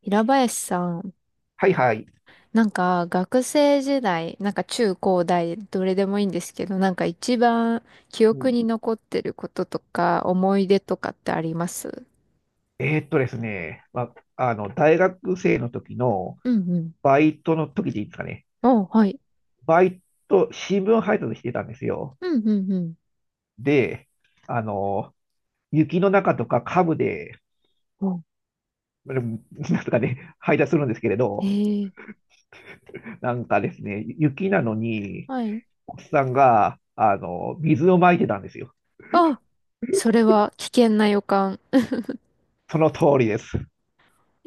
平林さん、はいはい。なんか学生時代、なんか中高大、どれでもいいんですけど、なんか一番記う憶ん。に残ってることとか、思い出とかってあります？ですね、まあ、大学生の時のうんうん。バイトの時でいいですかね。お、はい。バイト、新聞配達してたんですよ。うんうんうん。で、あの、雪の中とかカブで、お、うんなんとかね、配達するんですけれど、ええ、なんかですね、雪なのに、はい。おっさんが、水をまいてたんですよ。あ、それは危険な予感。その通りです。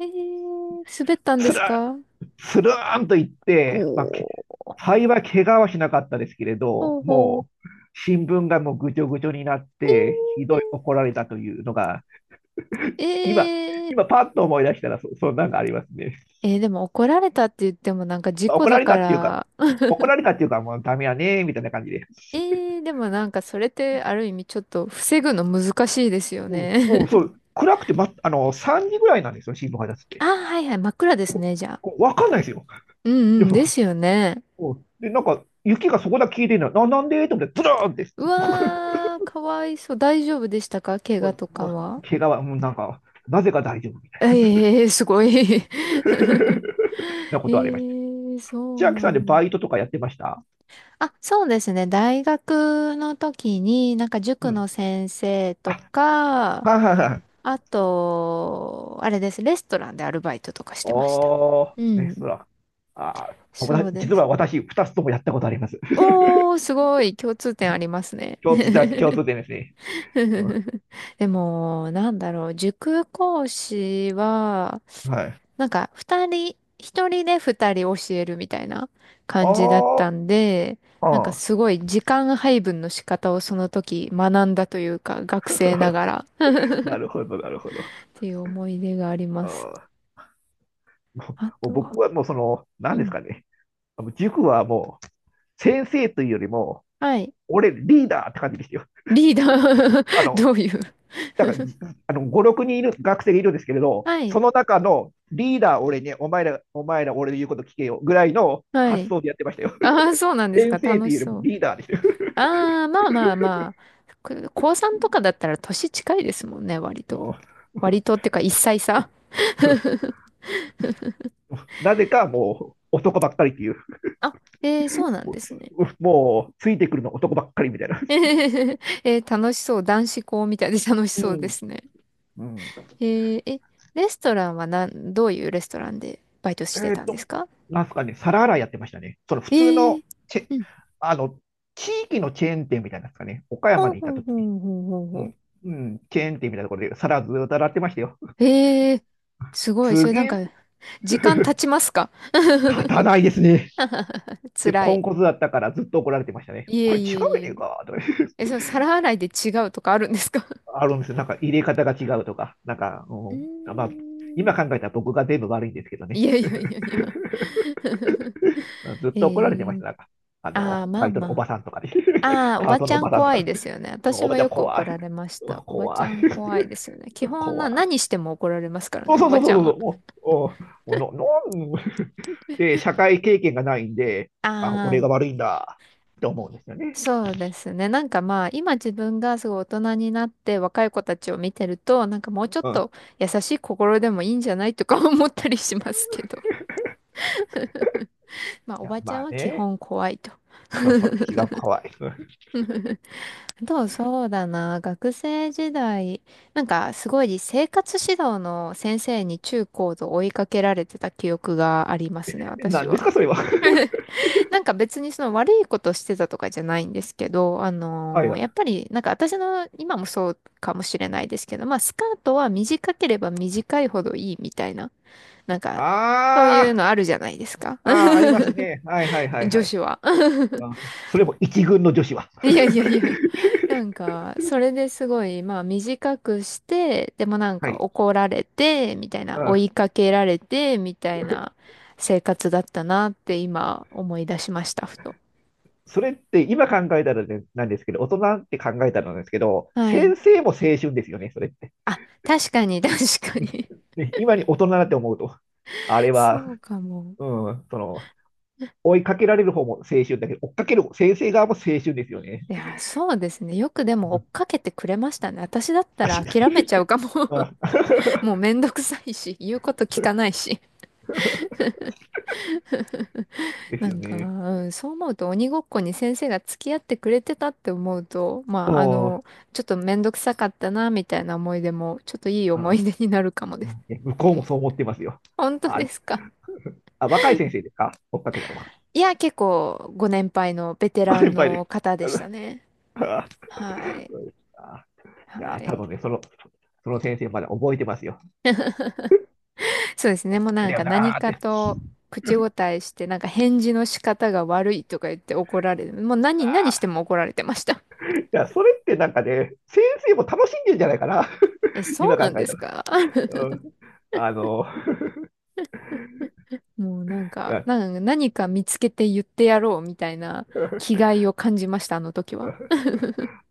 ええ、滑ったんでつすらか？スルーンといって、まあ、おー、幸い怪我はしなかったですけれど、ほうほう。もう新聞がもうぐちょぐちょになって、ひどい怒られたというのが、え今、ええ今え。パッと思い出したらそんなんがありますね。えー、でも怒られたって言ってもなんか事故怒らだれかたっていうか、ら。怒られたっていうか、もうダメやね、みたいな感じで。ええ、でもなんかそれってある意味ちょっと防ぐの難しいですようん、うね。ん、そう、暗くて、ま、3時ぐらいなんですよ、新聞配達っ あ、て。はいはい、真っ暗でですもね、じゃあ。こうわかんないですよ。うん。でうん、でも、すよね。うんで、なんか、雪がそこだけ消えてるの、なんでと思って、ズルーンって、うわー、かわいそう。大丈夫でしたか、怪も我う、とかもうは。怪我は、もうなんか、なぜか大丈夫みたいな ええ、すごい。なことはありました。ええ、そう千な秋さんでんだ。バイトとかやってました？あ、そうですね。大学の時に、なんかう塾ん。の先生とか、はいはいはい。あと、あれです。レストランでアルバイトとかしてました。おー、うレスん。トラン。あー、僕そだうで実はす。私、二つともやったことあります。おー、すごい共通点ありますね。共通点ですね。うん、でも、なんだろう、塾講師は、はい。なんか、二人、一人で二人教えるみたいなあ感じだったあ、んで、なんかはすあ。ごい時間配分の仕方をその時学んだというか、学生ながら っなるほど、なるほど。ていう思い出がありまあす。ーもう、あもうとは、僕はもうその、う何ですん。かね。あの塾はもう、先生というよりも、はい。俺リーダーって感じでしたよ。リーダー あ の、どういう？ だか ら、5、6人いる、学生がいるんですけれど、はい。その中のリーダー俺に、お前ら俺の言うこと聞けよ、ぐらいのは発い。想でやってましたよ。ああ、そうなん です先か。生っ楽ていしうよりもそう。リーダーでしたよ。ああ、まあまあまあ。く高3とかだったら年近いですもんね、割と。も割とっていうか、一歳差。う なぜかもう男ばっかりっていう、あ、えー、そうなんもうですつ、ね。もうついてくるの男ばっかりみたいな。えー、楽しそう。男子校みたいで楽しうそうでん。すね。うん、えー、え、レストランはなん、どういうレストランでバイトしてえたっ、んですと、か？なんすかね、皿洗いやってましたね。その普え通のー、チェ、うん。あの、地域のチェーン店みたいなんですかね。岡ほ山うにいたほう時ほに。うほうほううほん。うん、チェーン店みたいなところで皿ずっと洗ってましたよ。う。えー、すごい。そすれげなんか、え 時間経ちますか？ 勝たないですね。で、辛ポンい。コツだったからずっと怒られてましたね。いこえれ違いえいうやえねいんか、とか え。え、その皿洗いで違うとかあるんですか？ あるんですよ。なんか入れ方が違うとか、なんか、うーまあ、今ん。考えたら僕が全部悪いんですけど いね。やいやいやいや。 ずっ えと怒られてましー、た。なんか、ああ、まバあイトのおばまさんとかに、あ。あ あ、おパーばトちのおゃんばさんと怖かいね。ですよね。私おばもちゃんよく怖怒い。られました。おばち怖ゃんい。怖いですよね。基本怖な、い。何しても怒られますからそうね、おそうそばうそちゃんうそは。う。おおののんで、社会経験がないんで、あ、あ俺あ、が悪いんだ、と思うんですよね。そうですね。なんかまあ、今自分がすごい大人になって若い子たちを見てると、なんかもうちょっうん。いと優しい心でもいいんじゃないとか 思ったりしますけど。まあ、おや、ばちゃまんあは基ね。本怖いと。そうそう、気が可愛い。どう、そうだな。学生時代、なんかすごい生活指導の先生に中高と追いかけられてた記憶がありますね、私何ですは。か、それは。なんか別にその悪いことしてたとかじゃないんですけど、はいはやっい。ぱりなんか私の今もそうかもしれないですけど、まあスカートは短ければ短いほどいいみたいな、なんかあそういうのあるじゃないですか。あ、ああー、ありますね。はいはい はい女はい。子は。あ、それも一軍の女子は。い やいやいやいや。なんか、それですごい、まあ短くして、でもなんはかい。怒られて、みたいな、追あ、いかけられて、みたいな生活だったなって今思い出しました、ふと。それって今考えたらね、なんですけど、大人って考えたらなんですけど、はい。先生も青春ですよね、それって。あ、確かに、確かね、に。ね今に大人だって思うと、あ れは、そうかも。うん、その、追いかけられる方も青春だけど、追っかける先生側も青春ですよね。いや、そうですね。よくでも追うっん、かけてくれましたね。私だったら確か諦めに。ちゃうかも。あ もうめんどくさいし、言うこと聞かないし。でなすよんか、ね。うん、そう思うと鬼ごっこに先生が付き合ってくれてたって思うと、うまあ、あん。の、ちょっとめんどくさかったな、みたいな思い出も、ちょっといい思い出になるかもです。向こうもそう思ってますよ。本当あ、ですか？若い先生ですか？追っかけたのか？いや、結構ご年配のベテごラン先輩でのす。方でした ね。あ、はい。そうですか？いはや、多い。分ね、その先生まだ覚えてますよ。そうです追ね。っもうかけなんだよか何なーっかて。と口答えして、なんか返事の仕方が悪いとか言って怒られる。もう何しても怒られてました。いや、それってなんかね、先生も楽しんでるんじゃないかな。え、そ今う考なんえでたすら。か？ うん、あの、もうなんいか、や なんか何か見つけて言ってやろうみたいな気概を感じました、あの時は。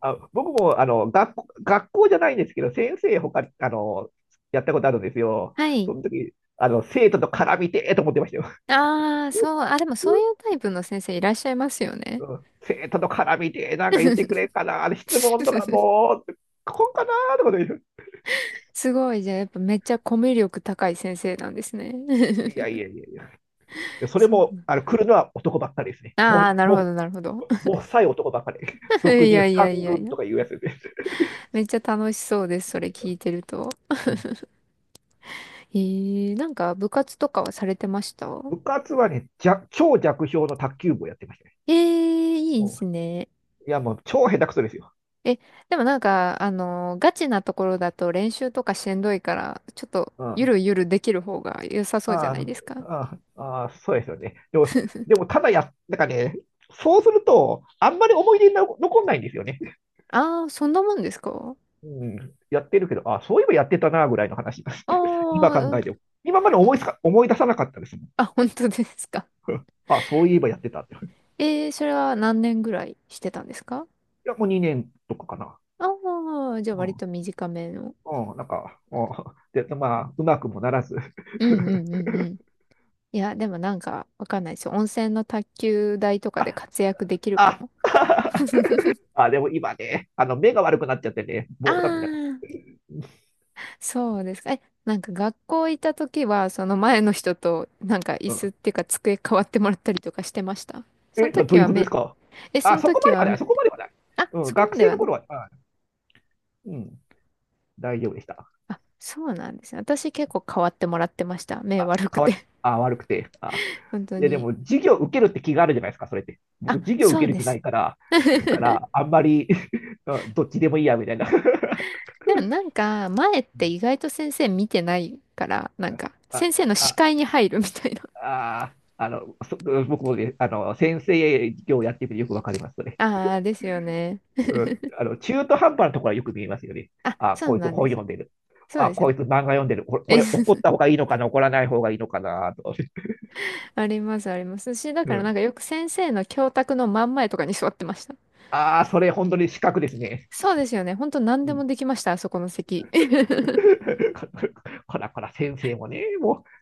僕もあの学校じゃないんですけど、先生他に、やったことあるんですよ。はい。その時、生徒と絡みてーと思ってましたよ。ああ、そう、あ、でもそう いうタイプの先生いらっしゃいますよね。うん、生徒の絡みでなんか言ってくれんかな、あれ質問とか もう、こんかなーとかで、すごい、じゃあやっぱめっちゃコミュ力高い先生なんですね。いやいやいやいや、で それそうもなんだ。来るのは男ばっかりですね。もう、ああ、なるほもど、なるほど。う、もうさい男ばっかり。い俗に言やうい三やいやい軍や。とかいうやつですね。めっちゃ楽しそうです、それ聞いてると。うんえー、なんか部活とかはされてました？部活はね、超弱小の卓球部をやってましたね。えー、いいうでん、すね。いや、もう超下手くそですよ。え、でもなんか、ガチなところだと練習とかしんどいから、ちょっとうん。ゆあるゆるできる方が良さそうじゃなあ、いですか。ああ、ああ、そうですよね。でも、でもただや、なんかね、そうすると、あんまり思い出に残残んないんですよね。ああー、そんなもんですか？うん、やってるけど、あ、そういえばやってたな、ぐらいの話です。あ 今考あー、えても。今まで思い出さなかったですもあ、本当ですか。ん。あ、そういえばやってたって。いえー、それは何年ぐらいしてたんですか？や、もう2年とかかな。ああー、じゃあ割うと短めの。ん、うん、なんか、で、まあ、うまくもならず。うんうんうんうん。いや、でもなんかわかんないですよ。温泉の卓球台と かであ、活躍できるかあ、も。あ、でも今ね、目が悪くなっちゃってね、あボールが見えなかっあ。そうですか。え、なんか学校行った時は、その前の人と、なんか椅た。う子ん、っていうか机変わってもらったりとかしてました？そえ、のど時ういうはことで目、すか？え、そあ、のそこま時でははない、目、そこまではない。あ、うん、そこ学まで生はのない。頃は、うん、大丈夫でした。あ、そうなんですね。私結構変わってもらってました。目あ、悪く変わっ、て。あ、悪くて、あ、本当いや、でに。も、授業受けるって気があるじゃないですか、それって。あ、僕、授業受そけうるで気なす。いから、か ら、あんまり どっちでもいいや、みたいな。でもなんか、前って意外と先生見てないから、なんか、あ、先生の視あ、界に入るみたいな。あ、あの、そ僕もね、先生授業をやってみてよくわかります、それ。ああ、ですよね。うん、中途半端なところはよく見えますよね。あ、あ、そうこいつなんで本す。読んでる。そうあ、ですよ。こいつ漫画読んでる。これ怒っ た方がいいのかな、怒らない方がいいのかな、と。あります、あります。だうからなんん。かよく先生の教卓の真ん前とかに座ってました。ああ、それ本当に資格ですね。そうですよね。ほんと何うでもん。で きました、あそこの席。こらこら、先生もね、もう。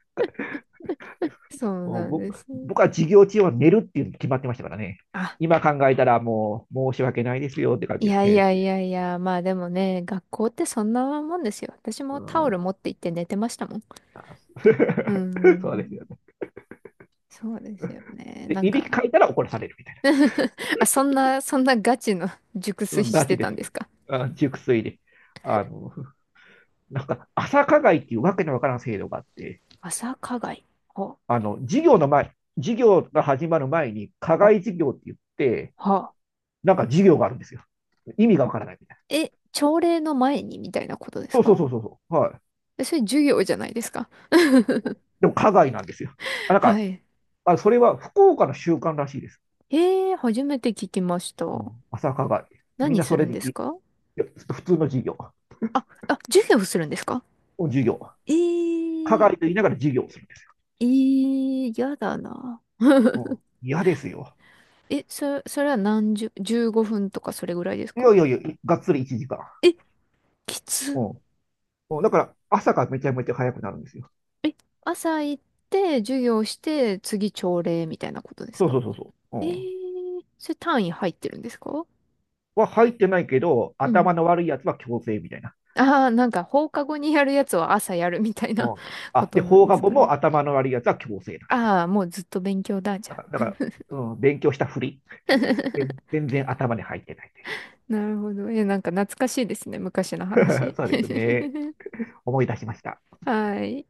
そうもうなんで僕す。僕は授業中は寝るっていうの決まってましたからね。あ、今考えたらもう申し訳ないですよって感じいです、やい先やい生。やいや、まあでもね、学校ってそんなもんですよ。私うもタオルん、持って行って寝てましたもん。あ うんうんう そうですん。よね。そうですよね。で、なんいか、びきかいたら怒らされるみたいあ、そんなガチの 熟な。睡うん、しガチてでたす。んですか？あ、熟睡で。あの、なんか、朝課外っていうわけのわからん制度があって、朝課外。は授業の前、授業が始まる前に、課は外授業って言って、は。なんか授業があるんですよ。意味がわからないみたいな。え、朝礼の前にみたいなことでそすうそうか？そうそうそう。はい。え、それ授業じゃないですか。でも、課外なんですよ。あなんはか、い。それは福岡の習慣らしいです。えー、初めて聞きました。うん、朝課外。みん何なすそるれんでですい、か？普通の授業、あ、あ、授業するんですか？授業。え課外ー、と言いながら授業をするんですえー、やだな。よ。うん、嫌ですよ。え、それは15分とかそれぐらいですいか？やいやいや、がっつり1時間。え、きうつ。んうん、だから、朝がめちゃめちゃ早くなるんですよ。え、朝行って授業して次朝礼みたいなことですそうそか？うそうそう。うえん、ー、それ単位入ってるんですか？は入ってないけど、うん。頭の悪いやつは強制みたいな。ああ、なんか放課後にやるやつは朝やるみたいうな ん、こあ、で、となん放で課す後かね。も頭の悪いやつは強制なんです。ああ、もうずっと勉強だ、じだゃから、だあ。からうん、勉強したふり。全然頭に入ってないなるほど。え、なんか懐かしいですね。昔のという。話。そうですね。思い出しました。はい。